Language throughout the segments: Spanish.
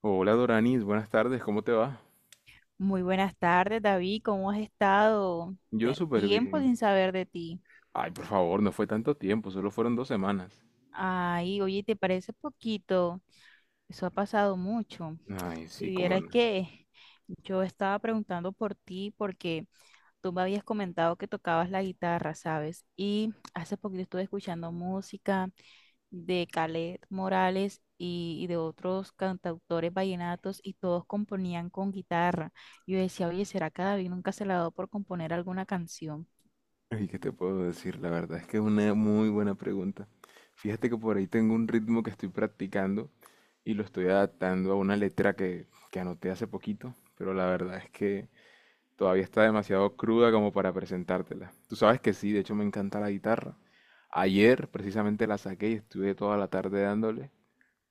Hola Doranis, buenas tardes, ¿cómo te va? Muy buenas tardes, David. ¿Cómo has estado? Yo súper Tiempo bien. sin saber de ti. Ay, por favor, no fue tanto tiempo, solo fueron 2 semanas. Ay, oye, ¿te parece poquito? Eso ha pasado mucho. Ay, Si sí, cómo vieras no. que yo estaba preguntando por ti porque tú me habías comentado que tocabas la guitarra, ¿sabes? Y hace poquito estuve escuchando música de Calet Morales y de otros cantautores vallenatos y todos componían con guitarra. Yo decía, oye, ¿será que a David nunca se le ha dado por componer alguna canción? ¿Y qué te puedo decir? La verdad es que es una muy buena pregunta. Fíjate que por ahí tengo un ritmo que estoy practicando y lo estoy adaptando a una letra que anoté hace poquito, pero la verdad es que todavía está demasiado cruda como para presentártela. Tú sabes que sí, de hecho me encanta la guitarra. Ayer precisamente la saqué y estuve toda la tarde dándole,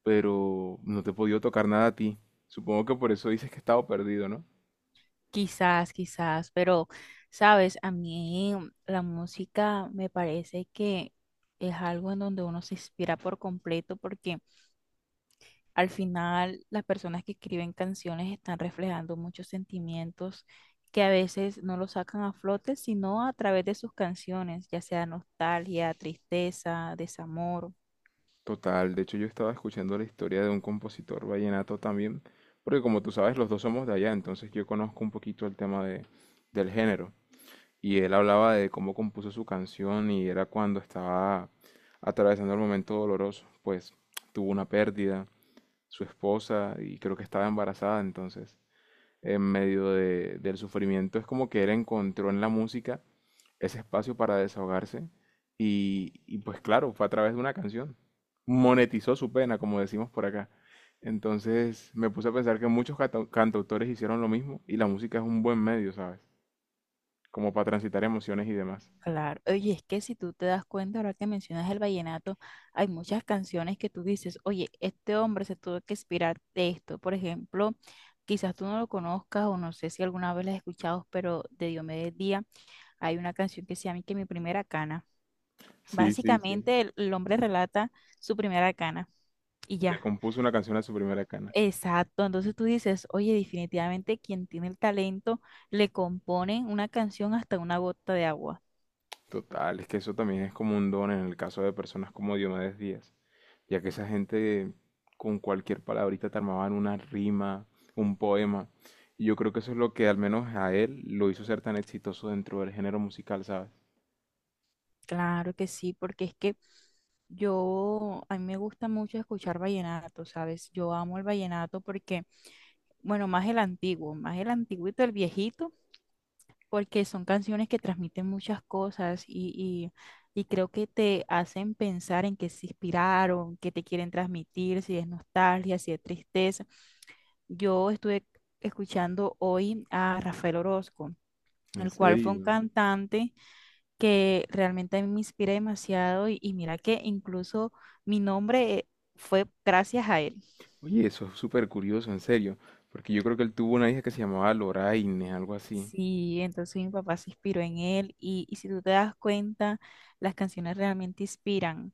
pero no te he podido tocar nada a ti. Supongo que por eso dices que he estado perdido, ¿no? Quizás, quizás, pero sabes, a mí la música me parece que es algo en donde uno se inspira por completo porque al final las personas que escriben canciones están reflejando muchos sentimientos que a veces no los sacan a flote, sino a través de sus canciones, ya sea nostalgia, tristeza, desamor. Total, de hecho yo estaba escuchando la historia de un compositor vallenato también, porque como tú sabes, los dos somos de allá, entonces yo conozco un poquito el tema del género. Y él hablaba de cómo compuso su canción y era cuando estaba atravesando el momento doloroso, pues tuvo una pérdida, su esposa, y creo que estaba embarazada, entonces en medio del sufrimiento es como que él encontró en la música ese espacio para desahogarse y pues claro, fue a través de una canción. Monetizó su pena, como decimos por acá. Entonces me puse a pensar que muchos cantautores hicieron lo mismo y la música es un buen medio, ¿sabes? Como para transitar emociones y demás. Claro, oye, es que si tú te das cuenta, ahora que mencionas el vallenato, hay muchas canciones que tú dices, oye, este hombre se tuvo que inspirar de esto. Por ejemplo, quizás tú no lo conozcas o no sé si alguna vez la has escuchado, pero de Diomedes Díaz hay una canción que se llama que mi primera cana. Sí, sí, sí. Básicamente, el hombre relata su primera cana y Le ya. compuso una canción a su primera cana. Exacto, entonces tú dices, oye, definitivamente quien tiene el talento le compone una canción hasta una gota de agua. Total, es que eso también es como un don en el caso de personas como Diomedes Díaz, ya que esa gente con cualquier palabrita te armaban una rima, un poema. Y yo creo que eso es lo que al menos a él lo hizo ser tan exitoso dentro del género musical, ¿sabes? Claro que sí, porque es que yo, a mí me gusta mucho escuchar vallenato, ¿sabes? Yo amo el vallenato porque, bueno, más el antiguo, más el antiguito, el viejito, porque son canciones que transmiten muchas cosas y creo que te hacen pensar en qué se inspiraron, qué te quieren transmitir, si es nostalgia, si es tristeza. Yo estuve escuchando hoy a Rafael Orozco, En el cual fue un serio. cantante que realmente a mí me inspira demasiado y mira que incluso mi nombre fue gracias a él. Oye, eso es súper curioso, en serio. Porque yo creo que él tuvo una hija que se llamaba Loraine, algo así. Sí, entonces mi papá se inspiró en él y si tú te das cuenta, las canciones realmente inspiran.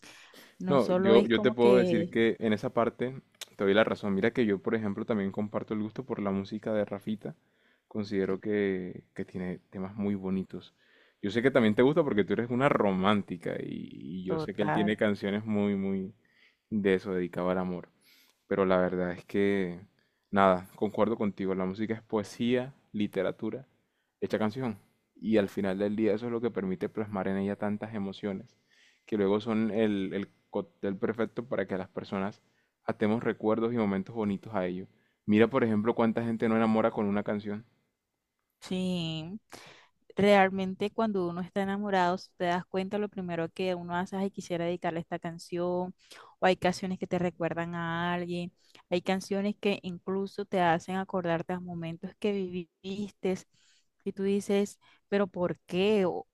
No No, solo yo, es yo te como puedo decir que que en esa parte te doy la razón. Mira que yo, por ejemplo, también comparto el gusto por la música de Rafita. Considero que tiene temas muy bonitos. Yo sé que también te gusta porque tú eres una romántica y yo sé que él total, tiene canciones muy, muy de eso, dedicado al amor, pero la verdad es que, nada, concuerdo contigo, la música es poesía, literatura, hecha canción. Y al final del día eso es lo que permite plasmar en ella tantas emociones, que luego son el cóctel perfecto para que las personas atemos recuerdos y momentos bonitos a ello. Mira, por ejemplo, cuánta gente no enamora con una canción. sí. Realmente cuando uno está enamorado, si te das cuenta, lo primero que uno hace es "Ay, quisiera dedicarle esta canción, o hay canciones que te recuerdan a alguien, hay canciones que incluso te hacen acordarte a momentos que viviste y tú dices, pero ¿por qué?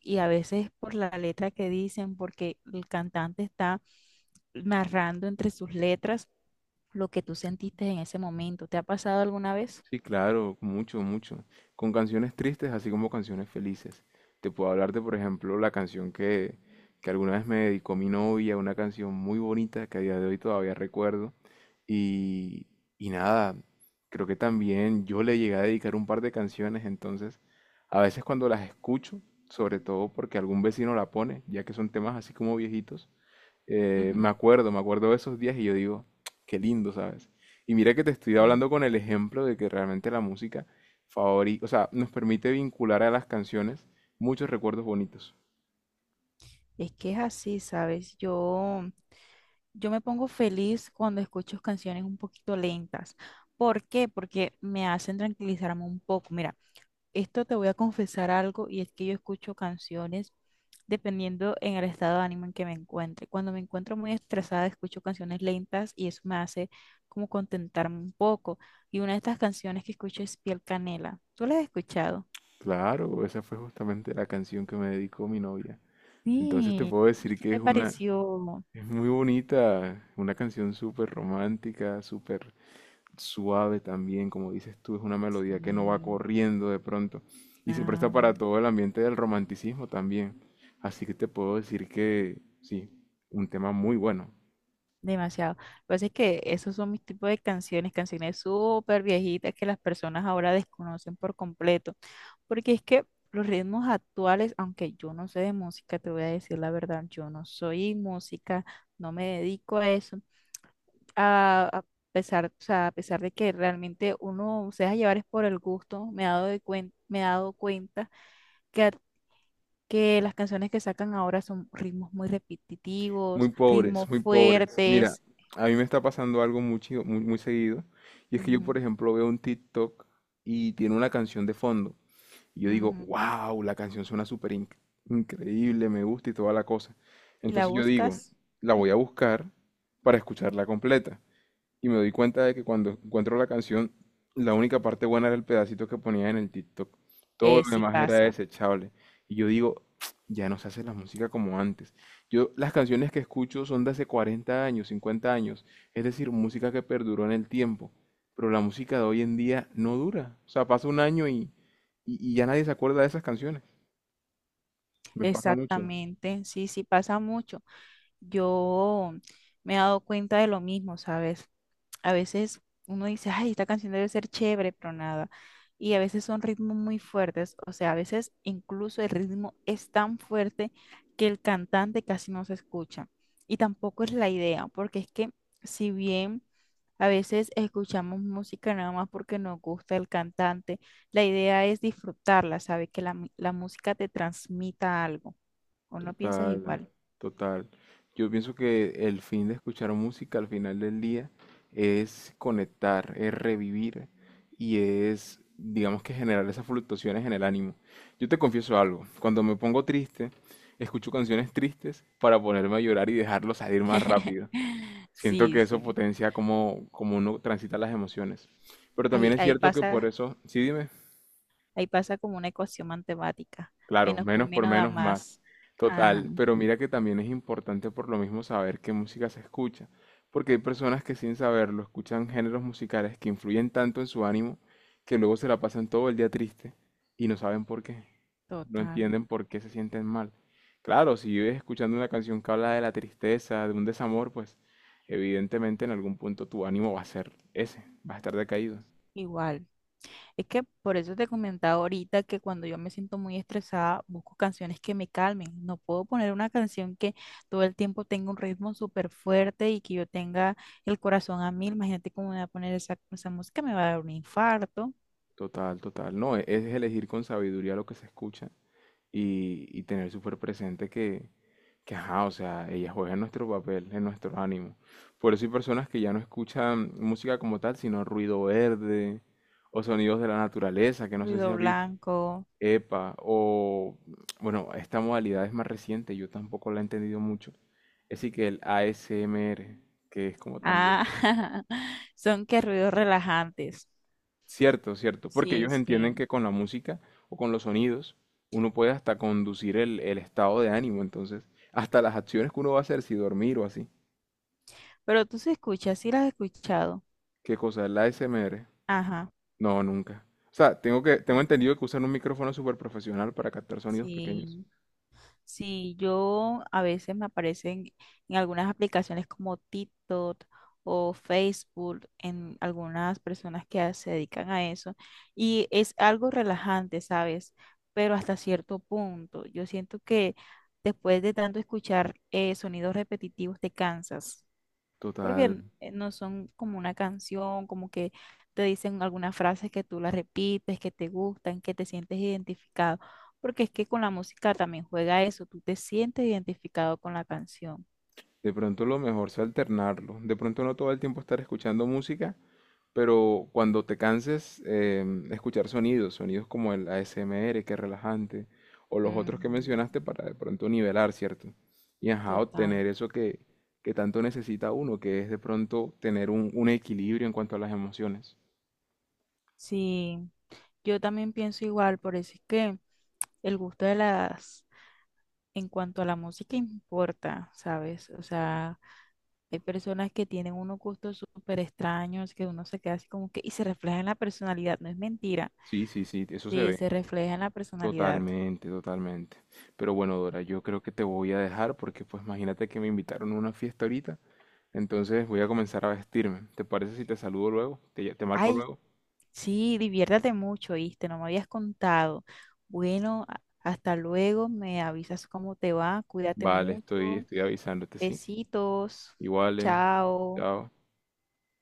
Y a veces por la letra que dicen, porque el cantante está narrando entre sus letras lo que tú sentiste en ese momento. ¿Te ha pasado alguna vez? Sí, claro, mucho, mucho. Con canciones tristes, así como canciones felices. Te puedo hablar de, por ejemplo, la canción que alguna vez me dedicó mi novia, una canción muy bonita que a día de hoy todavía recuerdo. Y, y nada, creo que también yo le llegué a dedicar un par de canciones, entonces a veces cuando las escucho, sobre todo porque algún vecino la pone, ya que son temas así como viejitos, me Ujú. acuerdo, me acuerdo de esos días y yo digo, qué lindo, ¿sabes? Y mira que te estoy Mm. hablando con el ejemplo de que realmente la música o sea, nos permite vincular a las canciones muchos recuerdos bonitos. Es que es así, ¿sabes? Yo me pongo feliz cuando escucho canciones un poquito lentas. ¿Por qué? Porque me hacen tranquilizarme un poco. Mira, esto te voy a confesar algo y es que yo escucho canciones dependiendo en el estado de ánimo en que me encuentre. Cuando me encuentro muy estresada, escucho canciones lentas y eso me hace como contentarme un poco. Y una de estas canciones que escucho es Piel Canela. ¿Tú la has escuchado? Claro, esa fue justamente la canción que me dedicó mi novia. Entonces te Sí. puedo ¿Y decir qué que te pareció? es muy bonita, una canción súper romántica, súper suave también, como dices tú, es una melodía que no va Sí, corriendo de pronto y se presta para nada. todo el ambiente del romanticismo también. Así que te puedo decir que sí, un tema muy bueno. Demasiado. Lo que pasa es que esos son mis tipos de canciones, canciones súper viejitas que las personas ahora desconocen por completo. Porque es que los ritmos actuales, aunque yo no sé de música, te voy a decir la verdad, yo no soy música, no me dedico a eso. A pesar, o sea, a pesar de que realmente uno se deja llevar es por el gusto, me he dado cuenta que, que las canciones que sacan ahora son ritmos muy Muy repetitivos, pobres, ritmos muy pobres. Mira, fuertes. a mí me está pasando algo muy, muy, muy seguido y es que yo, por ejemplo, veo un TikTok y tiene una canción de fondo y yo digo, Ujú. wow, la canción suena súper increíble, me gusta y toda la cosa. Y la Entonces yo digo, buscas, la voy a buscar para escucharla completa. Y me doy cuenta de que cuando encuentro la canción, la única parte buena era el pedacito que ponía en el TikTok. Todo lo sí demás era pasa, desechable. Y yo digo, ya no se hace la música como antes. Yo, las canciones que escucho son de hace 40 años, 50 años. Es decir, música que perduró en el tiempo. Pero la música de hoy en día no dura. O sea, pasa un año y ya nadie se acuerda de esas canciones. Me pasa mucho. exactamente, sí, sí pasa mucho. Yo me he dado cuenta de lo mismo, ¿sabes? A veces uno dice, ay, esta canción debe ser chévere, pero nada. Y a veces son ritmos muy fuertes, o sea, a veces incluso el ritmo es tan fuerte que el cantante casi no se escucha. Y tampoco es la idea, porque es que si bien a veces escuchamos música nada más porque nos gusta el cantante, la idea es disfrutarla, ¿sabes? Que la música te transmita algo. ¿O no piensas Total, igual? total. Yo pienso que el fin de escuchar música al final del día es conectar, es revivir y es, digamos, que generar esas fluctuaciones en el ánimo. Yo te confieso algo, cuando me pongo triste, escucho canciones tristes para ponerme a llorar y dejarlo salir más rápido. Siento Sí, que eso sí. potencia cómo, cómo uno transita las emociones. Pero también Ahí, es ahí cierto que por pasa. eso, sí, dime. Ahí pasa como una ecuación matemática. Claro, Menos por menos por menos da menos, más. más. Ajá, Total, pero mira que también es importante por lo mismo saber qué música se escucha, porque hay personas que sin saberlo escuchan géneros musicales que influyen tanto en su ánimo, que luego se la pasan todo el día triste y no saben por qué, no total. entienden por qué se sienten mal. Claro, si vives escuchando una canción que habla de la tristeza, de un desamor, pues evidentemente en algún punto tu ánimo va a ser ese, va a estar decaído. Igual. Es que por eso te comentaba ahorita que cuando yo me siento muy estresada, busco canciones que me calmen. No puedo poner una canción que todo el tiempo tenga un ritmo súper fuerte y que yo tenga el corazón a mil. Imagínate cómo me va a poner esa, esa música, me va a dar un infarto. Total, total. No, es elegir con sabiduría lo que se escucha y tener súper presente que, ajá, o sea, ella juega en nuestro papel, en nuestro ánimo. Por eso hay personas que ya no escuchan música como tal, sino ruido verde o sonidos de la naturaleza, que no sé si Ruido has visto. blanco. Epa, o bueno, esta modalidad es más reciente, yo tampoco la he entendido mucho. Así que el ASMR, que es como también. Ah, son que ruidos relajantes. Cierto, cierto, porque Sí, ellos entienden sí. que con la música o con los sonidos uno puede hasta conducir el estado de ánimo, entonces, hasta las acciones que uno va a hacer, si dormir o así. Pero tú sí escuchas, sí las has escuchado. ¿Qué cosa es la ASMR? Ajá. No, nunca. O sea, tengo Ah, entendido que usan un micrófono súper profesional para captar sonidos pequeños. sí, sí, yo a veces me aparecen en algunas aplicaciones como TikTok o Facebook, en algunas personas que se dedican a eso, y es algo relajante, ¿sabes? Pero hasta cierto punto, yo siento que después de tanto escuchar sonidos repetitivos te cansas. Total. Porque no son como una canción, como que te dicen algunas frases que tú las repites, que te gustan, que te sientes identificado, porque es que con la música también juega eso, tú te sientes identificado con la canción. De pronto lo mejor es alternarlo. De pronto no todo el tiempo estar escuchando música. Pero cuando te canses, escuchar sonidos, sonidos como el ASMR, que es relajante, o los otros que Ujú, mencionaste para de pronto nivelar, ¿cierto? Y ajá, total. obtener eso que tanto necesita uno, que es de pronto tener un, equilibrio en cuanto a las emociones. Sí, yo también pienso igual, por eso es que el gusto de las, en cuanto a la música importa, ¿sabes? O sea, hay personas que tienen unos gustos súper extraños, que uno se queda así como que, y se refleja en la personalidad, no es mentira. Sí, sí, sí, eso se Sí, se ve. refleja en la personalidad. Totalmente, totalmente. Pero bueno, Dora, yo creo que te voy a dejar porque pues imagínate que me invitaron a una fiesta ahorita, entonces voy a comenzar a vestirme. ¿Te parece si te saludo luego? ¿Te marco Ay, luego? sí, diviértete mucho, ¿viste? No me habías contado. Bueno, hasta luego, me avisas cómo te va, cuídate Vale, estoy, mucho. estoy avisándote, ¿sí? Besitos, Iguales, chao. chao.